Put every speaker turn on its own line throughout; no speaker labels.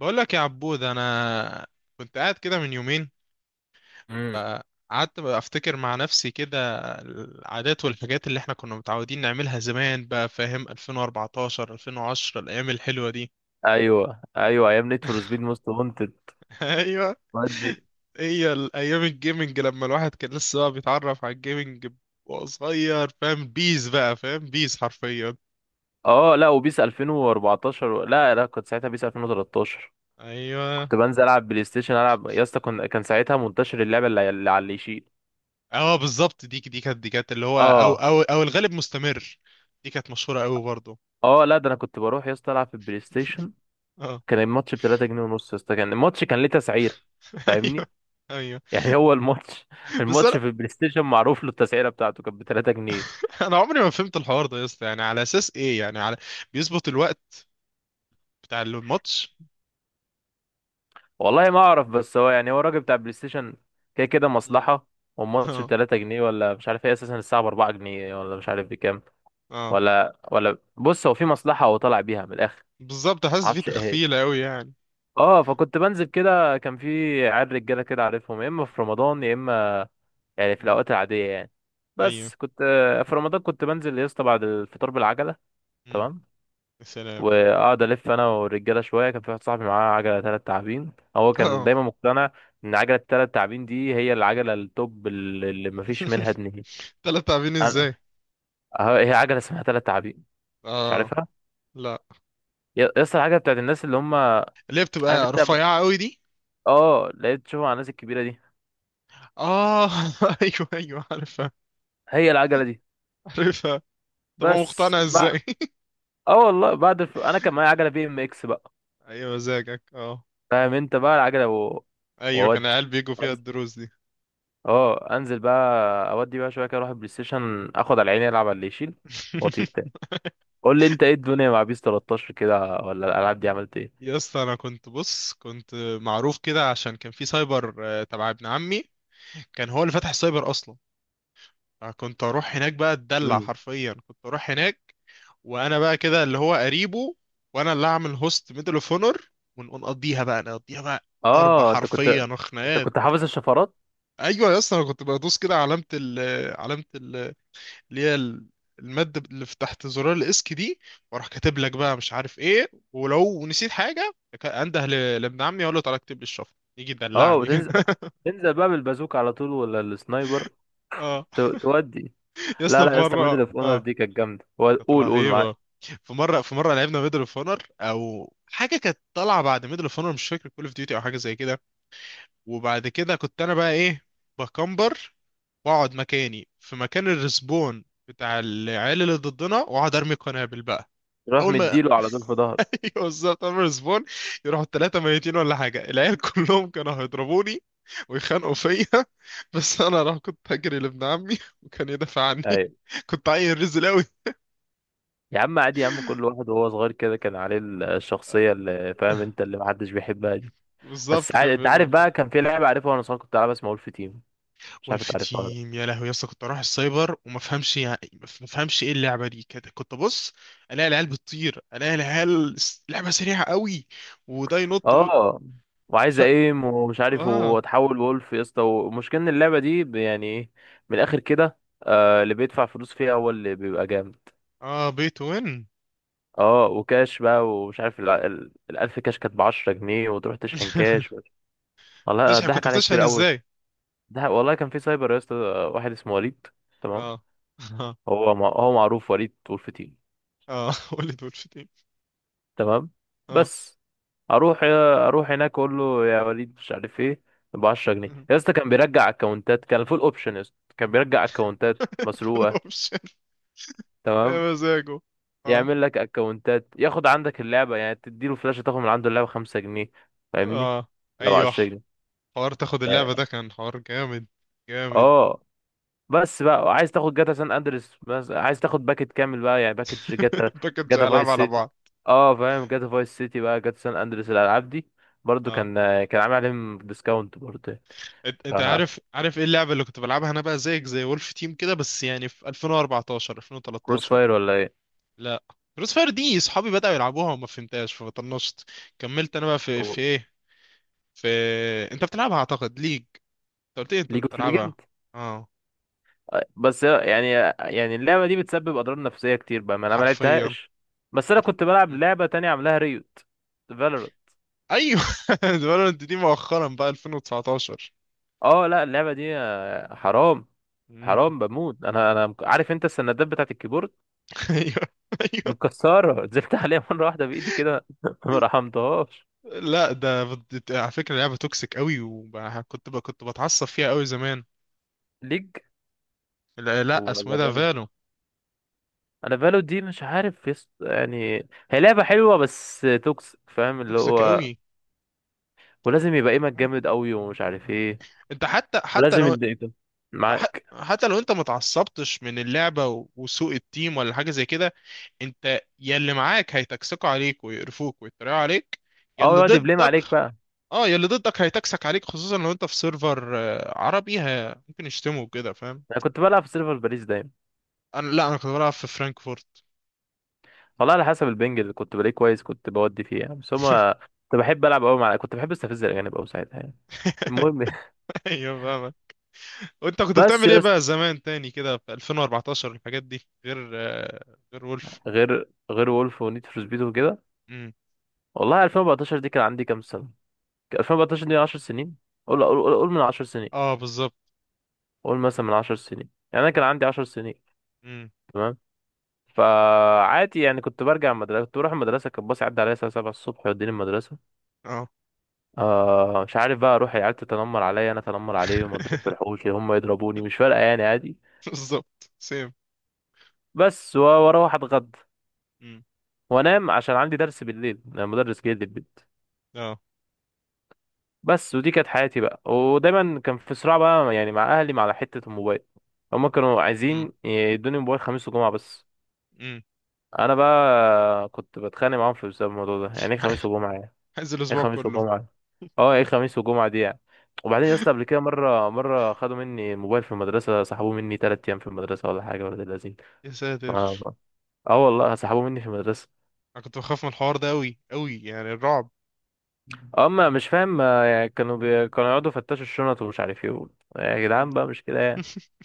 بقول لك يا عبود، انا كنت قاعد كده من يومين.
امم
قعدت بقى افتكر مع نفسي كده العادات والحاجات اللي احنا كنا متعودين نعملها زمان. بقى فاهم؟ 2014، 2010، الايام الحلوة دي.
ايوه، ايوه، ايام نيد فور سبيد موست وانتد
ايوه.
ودي.
هي الايام الجيمنج لما الواحد كان لسه بقى بيتعرف على الجيمنج وهو صغير. فاهم بيز بقى فاهم بيز حرفيا.
اه لا وبيس 2014 لا، كنت ساعتها بيس 2013.
ايوه.
كنت بنزل العب بلاي ستيشن، العب يا اسطى. كان ساعتها منتشر اللعبه اللي على اللي يشيل.
اه بالظبط. دي كانت اللي هو او
اه
او او الغالب مستمر. دي كانت مشهورة قوي برضه.
اه لا، ده انا كنت بروح يا اسطى العب في البلاي ستيشن.
اه.
كان الماتش ب 3 جنيه ونص يا اسطى، كان الماتش كان ليه تسعيره.
ايوه
فاهمني؟
ايوه.
يعني هو الماتش
بس
الماتش
انا.
في البلاي ستيشن معروف له التسعيره بتاعته، كانت ب 3 جنيه.
انا عمري ما فهمت الحوار ده يا اسطى. يعني على اساس ايه؟ يعني على بيظبط الوقت بتاع الماتش.
والله ما اعرف، بس هو يعني هو الراجل بتاع بلاي ستيشن كده كده
مم.
مصلحه. والماتش ب
اه.
3 جنيه ولا مش عارف ايه، اساسا الساعه ب 4 جنيه ولا مش عارف بكام.
اه
ولا ولا بص، هو في مصلحه، هو طالع بيها من الاخر.
بالظبط، حاسس فيه
معرفش ايه هي.
تخفيله قوي يعني.
اه فكنت بنزل كده، كان في عيال رجاله كده عارفهم، يا اما في رمضان يا اما يعني في
مم.
الاوقات العاديه يعني.
ايوه.
بس كنت، في رمضان كنت بنزل يا اسطى بعد الفطار بالعجله.
مم.
تمام.
يا سلام.
واقعد الف انا والرجاله شويه، كان في واحد صاحبي معاه عجله ثلاث تعابين، هو كان
اه.
دايما مقتنع ان عجله الثلاث تعابين دي هي العجله التوب اللي مفيش منها اتنين.
تلات لاعبين
انا،
ازاي؟
اه هي عجله اسمها ثلاث تعابين، مش
اه
عارفها.
لا.
يا اسطى العجله بتاعت الناس اللي هم
اللي هي
عارف
بتبقى
انت.
رفيعه قوي دي.
اه، لقيت تشوفها على الناس الكبيره دي،
اه. ايوه ايوه عارفها.
هي العجله دي.
عارفها. طب هو
بس
مقتنع
بقى،
ازاي؟
اه والله بعد انا كان معايا عجله بي ام اكس بقى،
ايوه مزاجك اه.
فاهم انت بقى العجله
ايوه كان
وودي.
العيال بيجوا فيها الدروس دي.
اه انزل بقى، اودي بقى شويه كده اروح البلاي ستيشن، اخد على عيني العب على اللي يشيل واطير تاني. قول لي انت ايه الدنيا مع بيس 13 كده، ولا الالعاب دي عملت ايه؟
يا اسطى، انا كنت بص، كنت معروف كده عشان كان في سايبر تبع ابن عمي. كان هو اللي فتح السايبر اصلا. كنت اروح هناك بقى اتدلع
امم
حرفيا، كنت اروح هناك وانا بقى كده اللي هو قريبه، وانا اللي اعمل هوست ميدل اوف اونر. ونقضيها بقى نقضيها بقى. ضرب
اه. انت كنت
حرفيا
انت
وخناقات.
كنت حافظ الشفرات؟
ايوه يا اسطى. انا كنت بدوس كده علامة ال، علامة اللي هي المادة اللي في تحت زرار الاسك دي، واروح كاتب لك بقى مش عارف ايه. ولو نسيت حاجة، انده لابن عمي اقول له تعالى اكتب لي الشفرة، يجي
اه
يدلعني كده.
وتنزل، تنزل بقى بالبازوك على طول ولا السنايبر؟
اه
تودي.
يا
لا،
اسطى
لا
في
يا اسطى، ميدل
مرة.
اوف اونر
اه.
دي كانت جامده.
كانت
قول قول معاك.
رهيبة. في مرة لعبنا ميدل اوف اونر او حاجة كانت طالعة بعد ميدل اوف اونر، مش فاكر، كول اوف ديوتي او حاجة زي كده. وبعد كده كنت انا بقى ايه، بكمبر واقعد مكاني في مكان الرسبون بتاع العيال اللي ضدنا، واقعد ارمي قنابل بقى
تروح
اول ما.
مديله على طول في ظهره.
ايوه بالظبط عمر سبون، يروحوا الثلاثه ميتين ولا حاجه. العيال كلهم كانوا هيضربوني ويخانقوا فيا. بس انا راح كنت هجري لابن عمي، وكان يدافع عني.
ايوه.
كنت عيل رزل قوي.
يا عم عادي يا عم، كل واحد وهو صغير كده كان عليه الشخصيه اللي فاهم انت اللي محدش بيحبها دي. بس
بالظبط، كان في
انت عارف
اللقطه.
بقى، كان في لعبه عارفها وانا صغير كنت العبها، اسمها وولف تيم، مش عارف انت عارفها ولا لأ.
والفتيم يا لهوي يا اسطى، كنت اروح السايبر وما افهمش. يعني ما افهمش ايه اللعبه دي، كانت- كنت ابص الاقي العيال بتطير، الاقي العيال لعبه سريعه قوي وده ينط و...
اه وعايز
ف...
ايم ومش عارف
اه.
واتحول وولف يا اسطى، ومشكلة ان اللعبه دي يعني ايه، من الاخر كده آه اللي بيدفع فلوس فيها هو اللي بيبقى جامد.
اه بيت وين.
اه وكاش بقى ومش عارف الألف كاش كانت بعشرة جنيه، وتروح تشحن كاش. والله
بتشحن؟
ضحك
كنت
عليا
بتشحن
كتير أوي.
ازاي؟
ده والله كان في سايبر يا اسطى، واحد اسمه وليد. تمام.
اه.
هو معروف وليد وولف تيم.
اه. قول لي دول في تاني.
تمام،
اه.
بس اروح، اروح هناك اقول له يا وليد مش عارف ايه، ب 10 جنيه يا اسطى. كان بيرجع اكونتات، كان فول اوبشن يا اسطى، كان بيرجع اكونتات
فول
مسروقه.
اوبشن.
تمام،
يا مزاجه. اه.
يعمل لك اكونتات، ياخد عندك اللعبه يعني، تديله فلاشه تاخد من عنده اللعبه 5 جنيه، فاهمني،
اه
لو
ايوه.
10 جنيه.
حوار تاخد اللعبة ده كان حوار جامد. جامد.
اه بس بقى عايز تاخد جاتا سان اندريس، بس عايز تاخد باكت كامل بقى يعني، باكت جاتا،
ده كنتش
جاتا
العاب
فايس
على
سيتي.
بعض.
اه فاهم، جاتا فايس سيتي بقى جاتا سان اندريس الالعاب دي برضو
اه.
كان، كان عامل عليهم ديسكاونت برضو يعني.
انت
ف
انت عارف ايه اللعبة اللي كنت بلعبها انا بقى زيك زي وولف تيم كده، بس يعني في 2014،
كروس
2013.
فاير ولا ايه؟
لا. كروس فاير دي صحابي بدأوا يلعبوها وما فهمتهاش فطنشت. كملت انا بقى في ايه، في انت بتلعبها اعتقد ليج. انت قلت لي انت
ليج اوف ليجند.
بتلعبها. اه
بس يعني، يعني اللعبه دي بتسبب اضرار نفسيه كتير بقى، ما انا ما
حرفيا.
لعبتهاش. بس انا
حرف.
كنت بلعب لعبه تانية عاملاها ريوت، فالورانت.
ايوه. فالورانت دي مؤخرا بقى 2019.
اه لا، اللعبه دي حرام،
مم.
حرام بموت. انا عارف انت السندات بتاعت الكيبورد
ايوه ايوه.
متكسرة، نزلت عليها مرة واحدة بإيدي كده ما رحمتهاش.
لا ده على فكره لعبه توكسيك قوي، وكنت كنت بتعصب فيها قوي زمان.
ليج،
لا، لا اسمه
ولا
ايه ده
بالو.
فالو.
أنا بالو دي مش عارف، يعني هي لعبة حلوة بس توكسيك، فاهم اللي
توكسيك
هو،
قوي.
ولازم يبقى ايمك
مم.
جامد قوي ومش عارف ايه،
انت حتى
ولازم
لو.
يديك
ح...
معاك.
حتى لو انت ما اتعصبتش من اللعبه وسوء التيم ولا حاجه زي كده، انت يا اللي معاك هيتكسكوا عليك ويقرفوك ويتريقوا عليك يا
اه
اللي
يقعد يبليم
ضدك.
عليك بقى.
اه يا اللي ضدك هيتكسك عليك، خصوصا لو انت في سيرفر عربي. ممكن يشتموا كده فاهم.
أنا كنت بلعب في سيرفر باريس دايما.
انا لا، انا كنت بلعب في فرانكفورت.
والله على حسب البنج اللي كنت بلاقيه كويس كنت بودي فيه يعني، بس هما، كنت بحب ألعب أوي مع، كنت بحب أستفز الأجانب أوي ساعتها يعني. المهم.
ايوه فاهمة. وانت كنت
بس
بتعمل ايه
يا اسطى،
بقى زمان تاني كده في 2014، الحاجات دي غير غير وولف.
غير غير وولف ونيد فور سبيد وكده.
امم.
والله 2014 دي كان عندي كام سنة؟ كان 2014 دي 10 سنين، قول قول قول قول من 10 سنين،
اه بالظبط.
قول مثلا من 10 سنين يعني، انا كان عندي 10 سنين.
امم.
تمام. فعادي يعني، كنت برجع المدرسة، كنت بروح المدرسة، كان باص يعدي عليا الساعة 7 الصبح يوديني المدرسة.
اه.
آه مش عارف بقى، اروح العيال تتنمر عليا انا اتنمر عليهم، اضرب في الحوش هم يضربوني، مش فارقة يعني عادي.
بالظبط سيم.
بس واروح اتغدى
امم.
وانام عشان عندي درس بالليل، أنا مدرس جاي لي البيت.
اه.
بس ودي كانت حياتي بقى، ودايما كان في صراع بقى يعني مع اهلي، مع حتة الموبايل. هما كانوا
امم.
عايزين يدوني موبايل خميس وجمعة بس.
امم.
انا بقى كنت بتخانق معاهم في بسبب الموضوع ده. يعني ايه خميس وجمعة يعني؟
عايز
ايه
الاسبوع
خميس
كله.
وجمعة؟ اه ايه خميس وجمعة دي يعني. وبعدين يا اسطى، قبل كده مرة خدوا مني الموبايل في المدرسة، سحبوه مني تلات أيام في المدرسة، ولا حاجة ولا لذيذ.
يا ساتر.
اه آه والله سحبوه مني في المدرسة.
انا كنت بخاف من الحوار ده قوي قوي يعني الرعب.
أما مش فاهم، يعني كانوا يقعدوا يفتشوا الشنط ومش عارف ايه. يا
مم.
جدعان بقى، مش كده يعني.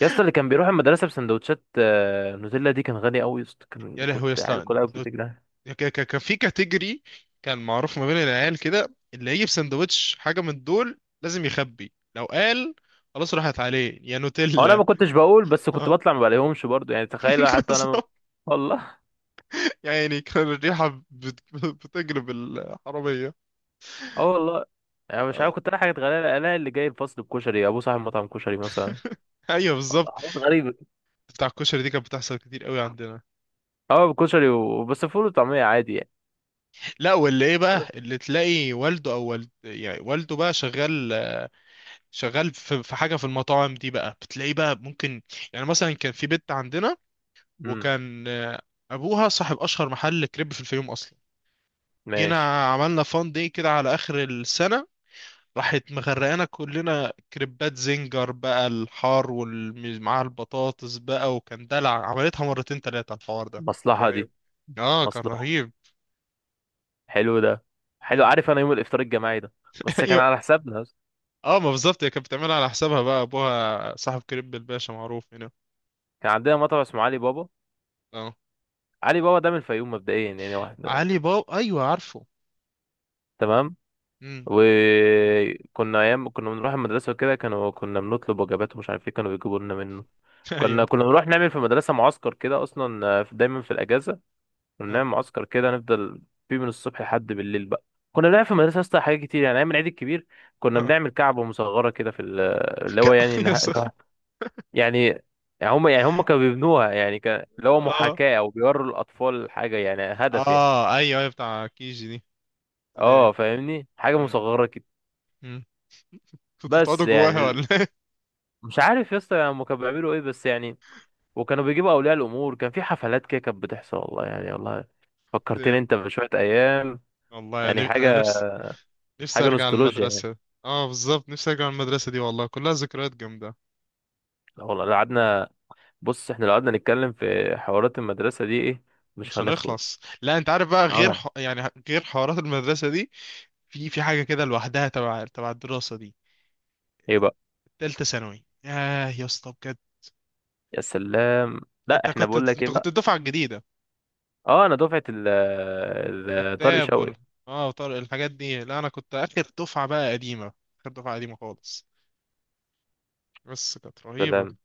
يا اسطى، اللي كان بيروح المدرسة بسندوتشات نوتيلا دي كان غني قوي يا اسطى، كان
يا لهوي يا
كنت عيل
اسطى.
كلها بتجري.
كان في كاتيجوري. كان معروف ما بين العيال كده، اللي يجيب سندوتش حاجة من دول لازم يخبي. لو قال خلاص راحت عليه يا
هو انا
نوتيلا.
ما كنتش بقول، بس كنت بطلع ما بلاقيهمش برضو يعني، تخيل حتى انا ما...
بالظبط.
والله.
يعني كان الريحة بتجلب الحرامية.
اه والله. يعني مش
آه،
عارف، كنت الاقي حاجات غريبه، الاقي اللي جاي الفصل بكشري، ابو صاحب مطعم كشري مثلا.
ايوه بالظبط.
حاجات غريبه.
بتاع الكشري دي كانت بتحصل كتير قوي عندنا.
اه بكشري وبس، فول وطعميه عادي يعني.
لا، واللي ايه بقى اللي تلاقي والده او والد، يعني والده بقى شغال. شغال في حاجة في المطاعم دي بقى، بتلاقيه بقى ممكن. يعني مثلا كان في بنت عندنا،
امم
وكان ابوها صاحب اشهر محل كريب في الفيوم اصلا.
ماشي.
جينا عملنا فان دي كده على اخر السنه، راحت مغرقانا كلنا كريبات زنجر بقى الحار ومعاها البطاطس بقى. وكان دلع، عملتها مرتين تلاتة الحوار ده كان
مصلحه
رهيب.
دي،
اه كان
مصلحه.
رهيب.
حلو ده، حلو.
مم.
عارف انا يوم الافطار الجماعي ده، بس كان
ايوه.
على حسابنا.
اه ما بالظبط، هي كانت بتعملها على حسابها بقى، ابوها صاحب كريب الباشا معروف هنا.
كان عندنا مطعم اسمه علي بابا،
اه
علي بابا ده من الفيوم مبدئيا يعني، واحد.
علي بابا ايوه عارفه.
تمام.
امم.
وكنا ايام كنا بنروح المدرسه وكده، كانوا كنا بنطلب وجبات ومش عارف ايه، كانوا بيجيبوا لنا منه. كنا
ايوه.
كنا بنروح نعمل في المدرسه معسكر كده اصلا، دايما في الاجازه كنا
اه.
بنعمل معسكر كده، نفضل فيه من الصبح لحد بالليل بقى. كنا بنعمل في المدرسه اصلا حاجات كتير يعني، ايام العيد الكبير كنا
اه.
بنعمل كعبه مصغره كده اللي هو يعني
يا
يعني، يعني هم كانوا بيبنوها يعني، كان اللي هو
سلام.
محاكاه او بيوروا الاطفال حاجه يعني،
اه
هدف يعني.
ايوه ايوه بتاع كيجي دي. ابتدائي.
اه فاهمني، حاجه
مم.
مصغره كده.
مم. كنتوا بتقعدوا
بس
جواها
يعني
ولا
مش عارف يا اسطى هم كانوا بيعملوا ايه، بس يعني، وكانوا بيجيبوا اولياء الامور، كان في حفلات كده كانت بتحصل والله يعني، والله فكرتني
ايه؟
انت بشويه ايام.
والله
يعني
يعني انا
حاجه،
نفسي. نفسي
حاجه
ارجع
نوستالجيا يعني.
المدرسه. اه بالظبط، نفسي ارجع المدرسه دي، والله كلها ذكريات جامده.
لا والله، لو قعدنا، بص احنا لو قعدنا نتكلم في حوارات المدرسه دي ايه، مش
مش
هنخلص.
هنخلص. لا انت عارف بقى، غير
اه
يعني غير حوارات المدرسه دي في حاجه كده لوحدها تبع الدراسه دي.
ايه بقى؟
تالتة ثانوي ياه يا اسطى بجد.
يا سلام. لا
انت
احنا
كنت
بقول لك ايه
انت كنت
بقى.
الدفعه الجديده.
اه انا دفعه طارق
التاب وال...
شوقي.
اه وطارق الحاجات دي. لا انا كنت اخر دفعه بقى قديمه، اخر دفعه قديمه خالص، بس كانت رهيبة.
سلام،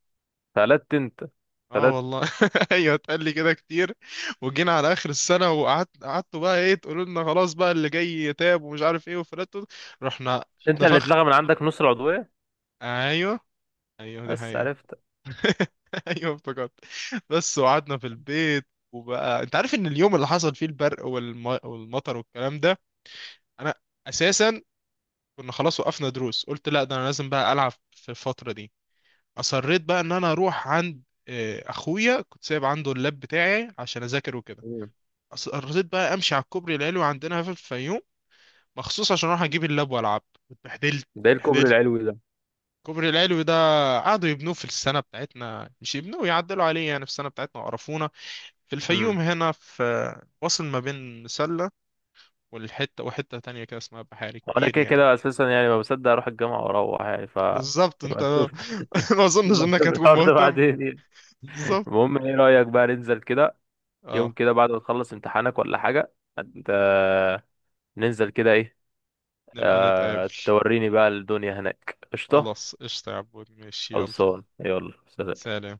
فلت انت،
اه
فلت.
والله. ايوه اتقال لي كده كتير. وجينا على اخر السنه وقعدت قعدتوا بقى ايه، تقولوا لنا خلاص بقى اللي جاي يتاب ومش عارف ايه، وفلاتوا. رحنا
مش انت اللي
اتنفخ.
اتلغى من عندك نص العضويه؟
ايوه ايوه دي
بس
حقيقه.
عرفت.
ايوه افتكرت. بس وقعدنا في البيت، وبقى انت عارف ان اليوم اللي حصل فيه البرق والمطر والكلام ده، انا اساسا كنا خلاص وقفنا دروس. قلت لا ده انا لازم بقى العب في الفتره دي. اصريت بقى ان انا اروح عند اخويا، كنت سايب عنده اللاب بتاعي عشان اذاكر وكده.
مم.
رضيت بقى امشي على الكوبري العلوي عندنا في الفيوم مخصوص عشان اروح اجيب اللاب والعب. اتبهدلت.
ده ايه الكوبري
اتبهدلت.
العلوي؟
الكوبري العلوي ده قعدوا يبنوه في السنه بتاعتنا، مش يبنوه يعدلوا عليه يعني في السنه بتاعتنا وقرفونا. في الفيوم
ده
هنا في، وصل ما بين مسله والحته وحته تانية كده اسمها بحاري
وانا
كبير
كده
يعني.
كده اساسا يعني ما بصدق اروح الجامعه واروح يعني، ف
بالظبط انت.
نبقى نشوف
ما اظنش
نبقى نشوف
انك هتكون
الحوار ده
مهتم.
بعدين يعني.
بالظبط.
المهم، ايه رايك بقى ننزل كده يوم
اه.
كده بعد ما تخلص امتحانك ولا حاجه؟ انت، ننزل كده ايه.
نبقى نتقابل.
توريني بقى الدنيا هناك. قشطه.
خلاص قشطة يا عبود، ماشي، يلا.
خلصان، يلا سلام.
سلام.